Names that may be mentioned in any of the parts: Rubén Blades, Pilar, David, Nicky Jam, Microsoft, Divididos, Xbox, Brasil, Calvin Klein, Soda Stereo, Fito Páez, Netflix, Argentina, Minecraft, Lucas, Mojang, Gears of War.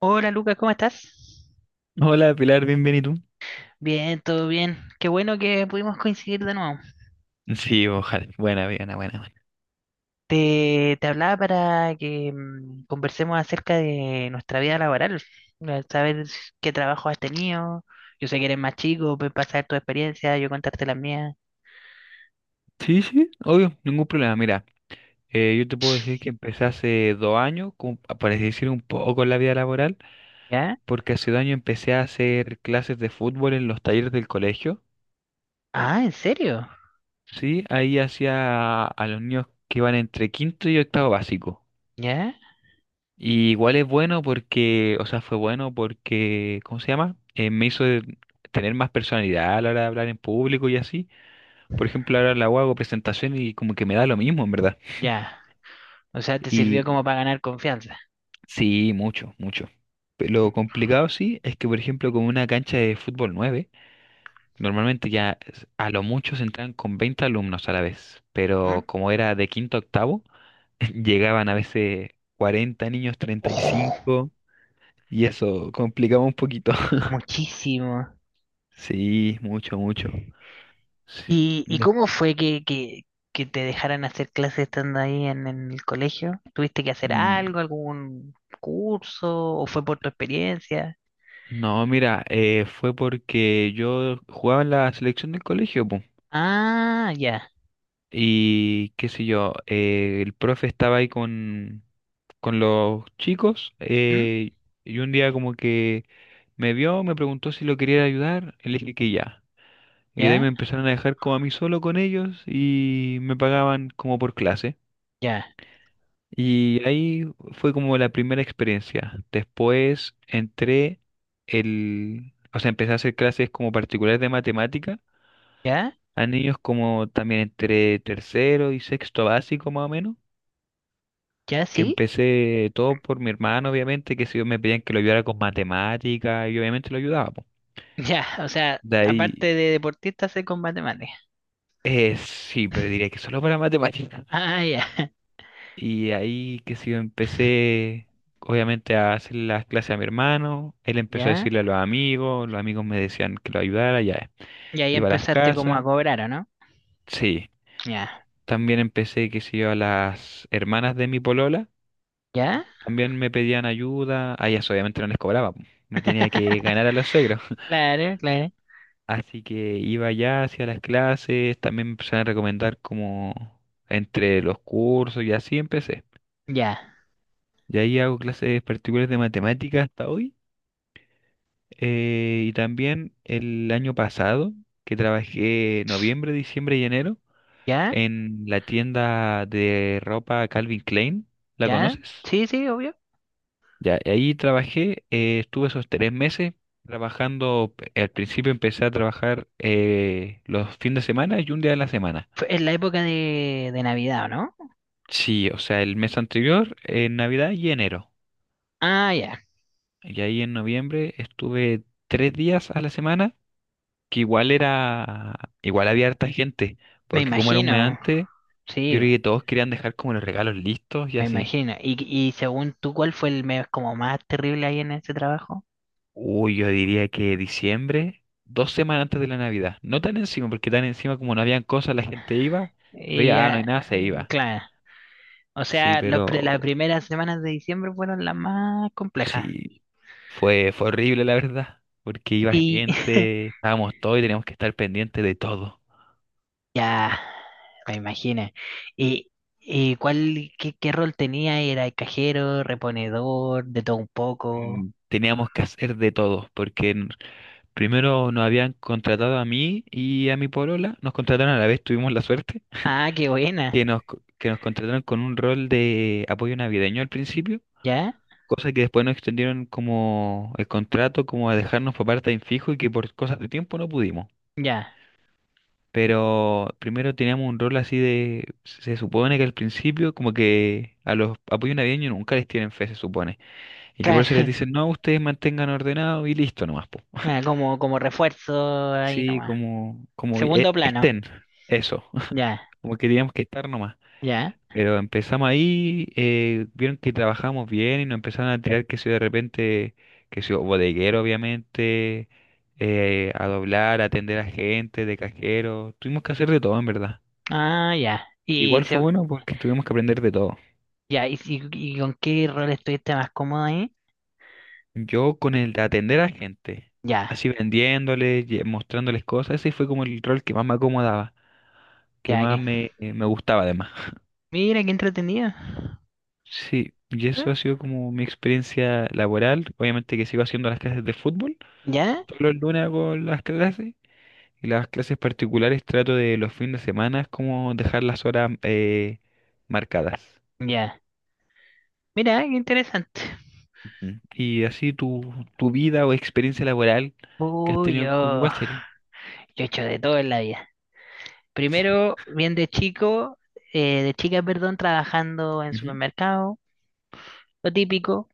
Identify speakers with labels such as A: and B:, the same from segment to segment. A: Hola Lucas, ¿cómo estás?
B: Hola Pilar, bien, bien, ¿y tú?
A: Bien, todo bien. Qué bueno que pudimos coincidir de nuevo.
B: Sí, ojalá. Buena, buena, buena, buena.
A: Te hablaba para que conversemos acerca de nuestra vida laboral, saber qué trabajo has tenido. Yo sé que eres más chico, puedes pasar tu experiencia, yo contarte la mía.
B: Sí, sí, obvio, ningún problema. Mira, yo te puedo decir que empecé hace dos años, por decir, un poco en la vida laboral,
A: ¿Ya?
B: porque hace dos años empecé a hacer clases de fútbol en los talleres del colegio.
A: Ah, ¿en serio?
B: Sí, ahí hacía a los niños que iban entre quinto y octavo básico.
A: ¿Ya?
B: Y igual es bueno porque, o sea, fue bueno porque, ¿cómo se llama? Me hizo tener más personalidad a la hora de hablar en público y así. Por ejemplo, ahora la hago presentación y como que me da lo mismo, en verdad.
A: Ya. O sea, te sirvió
B: Y
A: como para ganar confianza.
B: sí, mucho, mucho. Lo complicado sí es que, por ejemplo, con una cancha de fútbol 9 normalmente a lo mucho se entran con 20 alumnos a la vez,
A: Ujú.
B: pero como era de quinto a octavo, llegaban a veces 40 niños, 35,
A: Ojo,
B: y cinco, y eso complicaba un poquito.
A: muchísimo.
B: Sí, mucho, mucho. Sí.
A: ¿Y
B: Des-
A: cómo fue que te dejaran hacer clases estando ahí en el colegio? ¿Tuviste que hacer
B: mm,
A: algo, algún curso, o fue por tu experiencia?
B: No, mira, fue porque yo jugaba en la selección del colegio, po.
A: Ah, ya.
B: Y qué sé yo, el profe estaba ahí con los chicos
A: ¿Mm?
B: y un día como que me vio, me preguntó si lo quería ayudar, y le dije que ya. Y de ahí
A: ¿Ya?
B: me empezaron a dejar como a mí solo con ellos y me pagaban como por clase.
A: ¿Ya?
B: Y ahí fue como la primera experiencia. Después o sea, empecé a hacer clases como particulares de matemática
A: ¿Ya?
B: a niños como también entre tercero y sexto básico más o menos.
A: ¿Ya?
B: Que
A: ¿Sí?
B: empecé todo por mi hermano, obviamente, que si yo me pedían que lo ayudara con matemática, y obviamente lo ayudaba, po.
A: Ya, o sea,
B: De
A: aparte
B: ahí,
A: de deportista, sé con matemáticas.
B: sí, pero diría que solo para matemática.
A: Ah, ya.
B: Y ahí que si yo empecé, obviamente, a hacer las clases a mi hermano, él empezó a
A: ¿Ya?
B: decirle a los amigos me decían que lo ayudara, ya.
A: Y ahí
B: Iba a las
A: empezaste como a
B: casas,
A: cobrar, ¿o no?
B: sí.
A: Ya.
B: También empecé, que si yo, a las hermanas de mi polola,
A: ¿Ya?
B: también me pedían ayuda, a ellas obviamente no les cobraba, po. Me tenía que ganar a los suegros.
A: Claro, claro.
B: Así que iba ya hacia las clases, también me empezaron a recomendar como entre los cursos y así empecé.
A: Ya,
B: Y ahí hago clases particulares de matemáticas hasta hoy. Eh, y también el año pasado, que trabajé noviembre, diciembre y enero
A: ya,
B: en la tienda de ropa Calvin Klein. ¿La
A: ya.
B: conoces?
A: Sí, sí, obvio.
B: Ya, y ahí trabajé, estuve esos tres meses trabajando. Al principio empecé a trabajar los fines de semana y un día de la semana.
A: Fue en la época de Navidad, ¿o no?
B: Sí, o sea, el mes anterior, en Navidad y enero.
A: Ah, ya.
B: Y ahí en noviembre estuve tres días a la semana, que igual era, igual había harta gente,
A: Me
B: porque como era un mes
A: imagino,
B: antes, yo
A: sí,
B: creo que todos querían dejar como los regalos listos y
A: me
B: así.
A: imagino. Y según tú, ¿cuál fue el mes como más terrible ahí en ese trabajo?
B: Uy, yo diría que diciembre, dos semanas antes de la Navidad. No tan encima, porque tan encima como no habían cosas, la gente iba,
A: Y
B: veía, ah, no hay nada,
A: ya,
B: se iba.
A: claro, o
B: Sí,
A: sea, los
B: pero
A: las primeras semanas de diciembre fueron las más complejas.
B: sí, fue, fue horrible, la verdad, porque iba
A: Y
B: gente, estábamos todos y teníamos que estar pendientes de todo.
A: ya, me imagino. ¿Y, y cuál, qué rol tenía? ¿Era el cajero, reponedor, de todo un poco?
B: Teníamos que hacer de todo, primero nos habían contratado a mí y a mi polola, nos contrataron a la vez, tuvimos la suerte,
A: Ah, qué buena.
B: que nos contrataron con un rol de apoyo navideño al principio,
A: ¿Ya?
B: cosa que después nos extendieron como el contrato, como a dejarnos por parte en fijo y que por cosas de tiempo no pudimos.
A: Ya.
B: Pero primero teníamos un rol así de, se supone que al principio como que a los apoyos navideños nunca les tienen fe, se supone. Y que por eso les
A: Claro,
B: dicen, no, ustedes mantengan ordenado y listo nomás, po.
A: ah, como refuerzo ahí
B: Sí,
A: nomás. Segundo plano.
B: estén, eso,
A: Ya.
B: como que teníamos que estar nomás.
A: Ya.
B: Pero empezamos ahí, vieron que trabajamos bien y nos empezaron a tirar que si de repente, que si bodeguero obviamente, a doblar, a atender a gente, de cajero, tuvimos que hacer de todo en verdad.
A: Ah, ya.
B: Igual fue bueno porque tuvimos que aprender de todo.
A: Ya, y, ¿y con qué rol estuviste más cómodo ahí?
B: Yo con el de atender a gente,
A: Ya,
B: así vendiéndoles, mostrándoles cosas, ese fue como el rol que más me acomodaba, que
A: ya
B: más
A: que.
B: me, me gustaba además.
A: Mira, qué entretenido.
B: Sí, y
A: ¿Eh?
B: eso ha sido como mi experiencia laboral. Obviamente que sigo haciendo las clases de fútbol.
A: ¿Ya?
B: Todos los lunes hago las clases y las clases particulares trato de los fines de semana como dejar las horas marcadas.
A: Ya. Mira, qué interesante.
B: Ujú. Y así tu, tu vida o experiencia laboral que has
A: Uy,
B: tenido con
A: yo,
B: Walter.
A: yo he hecho de todo en la vida.
B: Sí.
A: Primero, bien de de chica, perdón, trabajando en
B: Ujú,
A: supermercado, lo típico,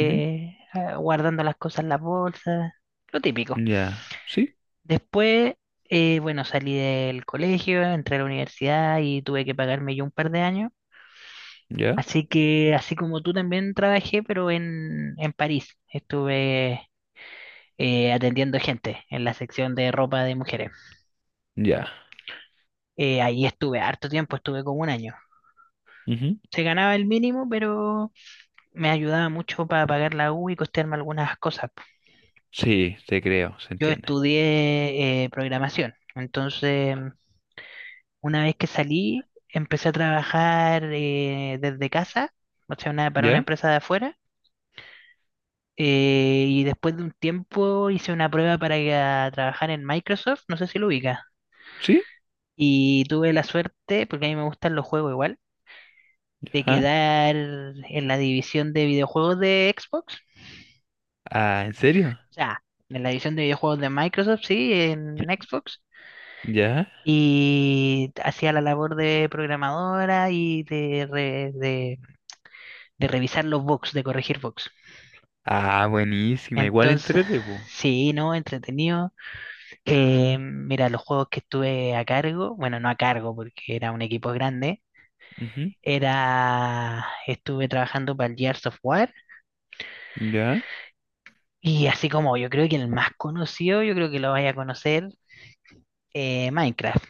B: ujú.
A: ah, guardando las cosas en las bolsas, lo típico.
B: Ya, sí,
A: Después, bueno, salí del colegio, entré a la universidad y tuve que pagarme yo un par de años.
B: ya,
A: Así que, así como tú también trabajé, pero en París. Estuve atendiendo gente en la sección de ropa de mujeres.
B: ya.
A: Ahí estuve harto tiempo, estuve como un año.
B: Ujú.
A: Se ganaba el mínimo, pero me ayudaba mucho para pagar la U y costearme algunas cosas, po.
B: Sí, te creo, se
A: Yo
B: entiende.
A: estudié programación, entonces una vez que salí, empecé a trabajar desde casa, o sea, para una
B: ¿Ya?
A: empresa de afuera. Y después de un tiempo hice una prueba para ir a trabajar en Microsoft, no sé si lo ubica.
B: ¿Sí?
A: Y tuve la suerte, porque a mí me gustan los juegos igual, de
B: ¿Ya?
A: quedar en la división de videojuegos de Xbox.
B: Ah, ¿en serio?
A: O sea, en la división de videojuegos de Microsoft, sí, en Xbox.
B: ¿Ya?
A: Y hacía la labor de programadora y de revisar los bugs, de corregir bugs.
B: Ah, buenísima, igual
A: Entonces,
B: entrete, po.
A: sí, ¿no? Entretenido. Mira, los juegos que estuve a cargo, bueno, no a cargo porque era un equipo grande,
B: Ujú,
A: estuve trabajando para el Gears of War
B: ¿ya?
A: y así como yo creo que el más conocido, yo creo que lo vaya a conocer, Minecraft.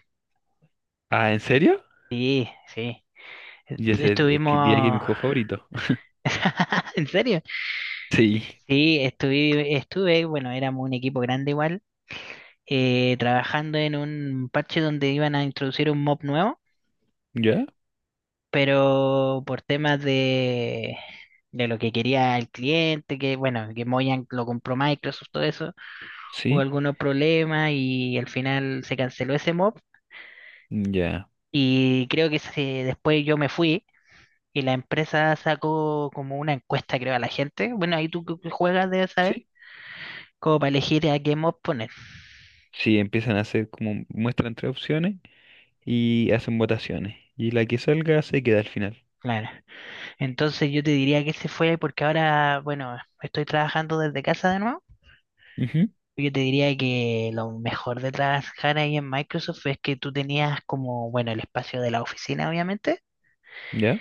B: Ah, ¿en serio?
A: Sí, sí.
B: Ya sé, es que diría que es mi
A: Estuvimos...
B: juego favorito.
A: ¿En serio?
B: Sí,
A: Sí, estuve, bueno, éramos un equipo grande igual, trabajando en un parche donde iban a introducir un mob nuevo.
B: ¿ya?
A: Pero por temas de lo que quería el cliente, que bueno, que Mojang lo compró Microsoft, todo eso, hubo
B: Sí,
A: algunos problemas y al final se canceló ese mob
B: ya,
A: y creo después yo me fui y la empresa sacó como una encuesta, creo, a la gente, bueno, ahí tú que juegas debes saber,
B: sí.
A: como para elegir a qué mob poner.
B: Sí, empiezan a hacer como muestran tres opciones y hacen votaciones. Y la que salga se queda al final.
A: Claro, entonces yo te diría que se fue porque ahora, bueno, estoy trabajando desde casa de nuevo.
B: Ujú,
A: Yo te diría que lo mejor de trabajar ahí en Microsoft es que tú tenías como, bueno, el espacio de la oficina, obviamente,
B: ¿ya?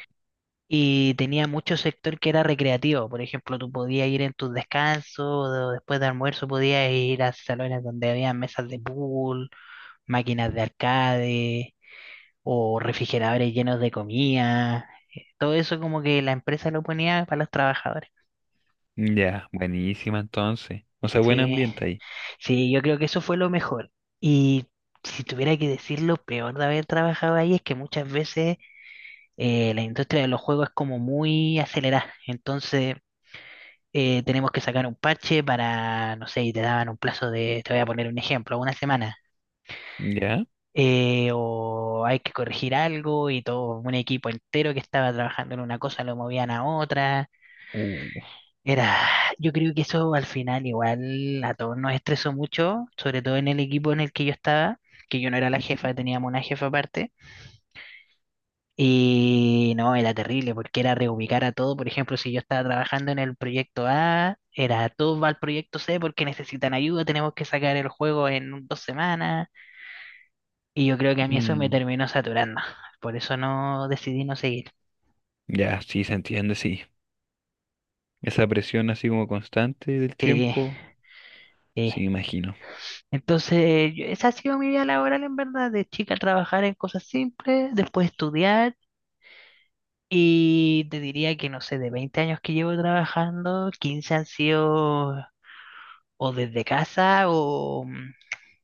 A: y tenía mucho sector que era recreativo. Por ejemplo, tú podías ir en tus descansos, o después de almuerzo podías ir a salones donde había mesas de pool, máquinas de arcade o refrigeradores llenos de comida. Todo eso como que la empresa lo ponía para los trabajadores.
B: Ya, buenísima entonces. O sea, buen
A: Sí,
B: ambiente ahí.
A: sí, yo creo que eso fue lo mejor. Y si tuviera que decir lo peor de haber trabajado ahí es que muchas veces la industria de los juegos es como muy acelerada. Entonces tenemos que sacar un parche para, no sé, y te daban un plazo de, te voy a poner un ejemplo, una semana.
B: Ya.
A: O hay que corregir algo y todo un equipo entero que estaba trabajando en una cosa lo movían a otra.
B: Uh.
A: Era, yo creo que eso al final igual a todos nos estresó mucho, sobre todo en el equipo en el que yo estaba, que yo no era la
B: Ujú.
A: jefa, teníamos una jefa aparte. Y no, era terrible porque era reubicar a todo. Por ejemplo, si yo estaba trabajando en el proyecto A, era todo va al proyecto C porque necesitan ayuda, tenemos que sacar el juego en 2 semanas. Y yo creo que a mí eso me
B: Mm,
A: terminó saturando. Por eso no decidí no seguir.
B: Ya, sí, se entiende, sí. Esa presión así como constante del
A: Sí,
B: tiempo, sí, me
A: sí.
B: imagino.
A: Entonces, esa ha sido mi vida laboral en verdad, de chica trabajar en cosas simples, después estudiar y te diría que no sé, de 20 años que llevo trabajando, 15 han sido o desde casa o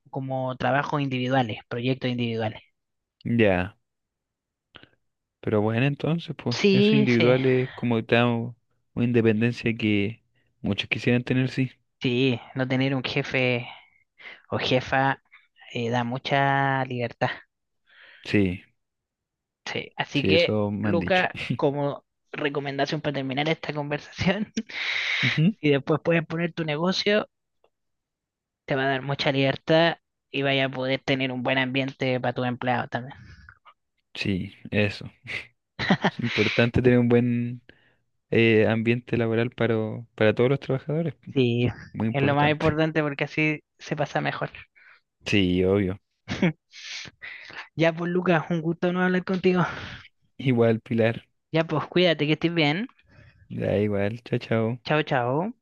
A: como trabajos individuales, proyectos individuales.
B: Ya, pero bueno, entonces, pues, eso
A: Sí, sí,
B: individual es como tal una independencia que muchos quisieran tener, sí.
A: sí, no tener un jefe o jefa da mucha libertad.
B: Sí,
A: Sí, así
B: sí,
A: que,
B: eso me han dicho.
A: Luca, como recomendación para terminar esta conversación,
B: Ujú.
A: si después puedes poner tu negocio, te va a dar mucha libertad y vaya a poder tener un buen ambiente para tu empleado también.
B: Sí, eso. Es importante tener un buen ambiente laboral para todos los trabajadores. Pues,
A: Sí,
B: muy
A: es lo más
B: importante.
A: importante porque así se pasa mejor.
B: Sí, obvio.
A: Ya pues, Lucas, un gusto no hablar contigo.
B: Igual, Pilar.
A: Ya pues, cuídate que estés bien.
B: Ya, igual. Chao, chao.
A: Chao, chao.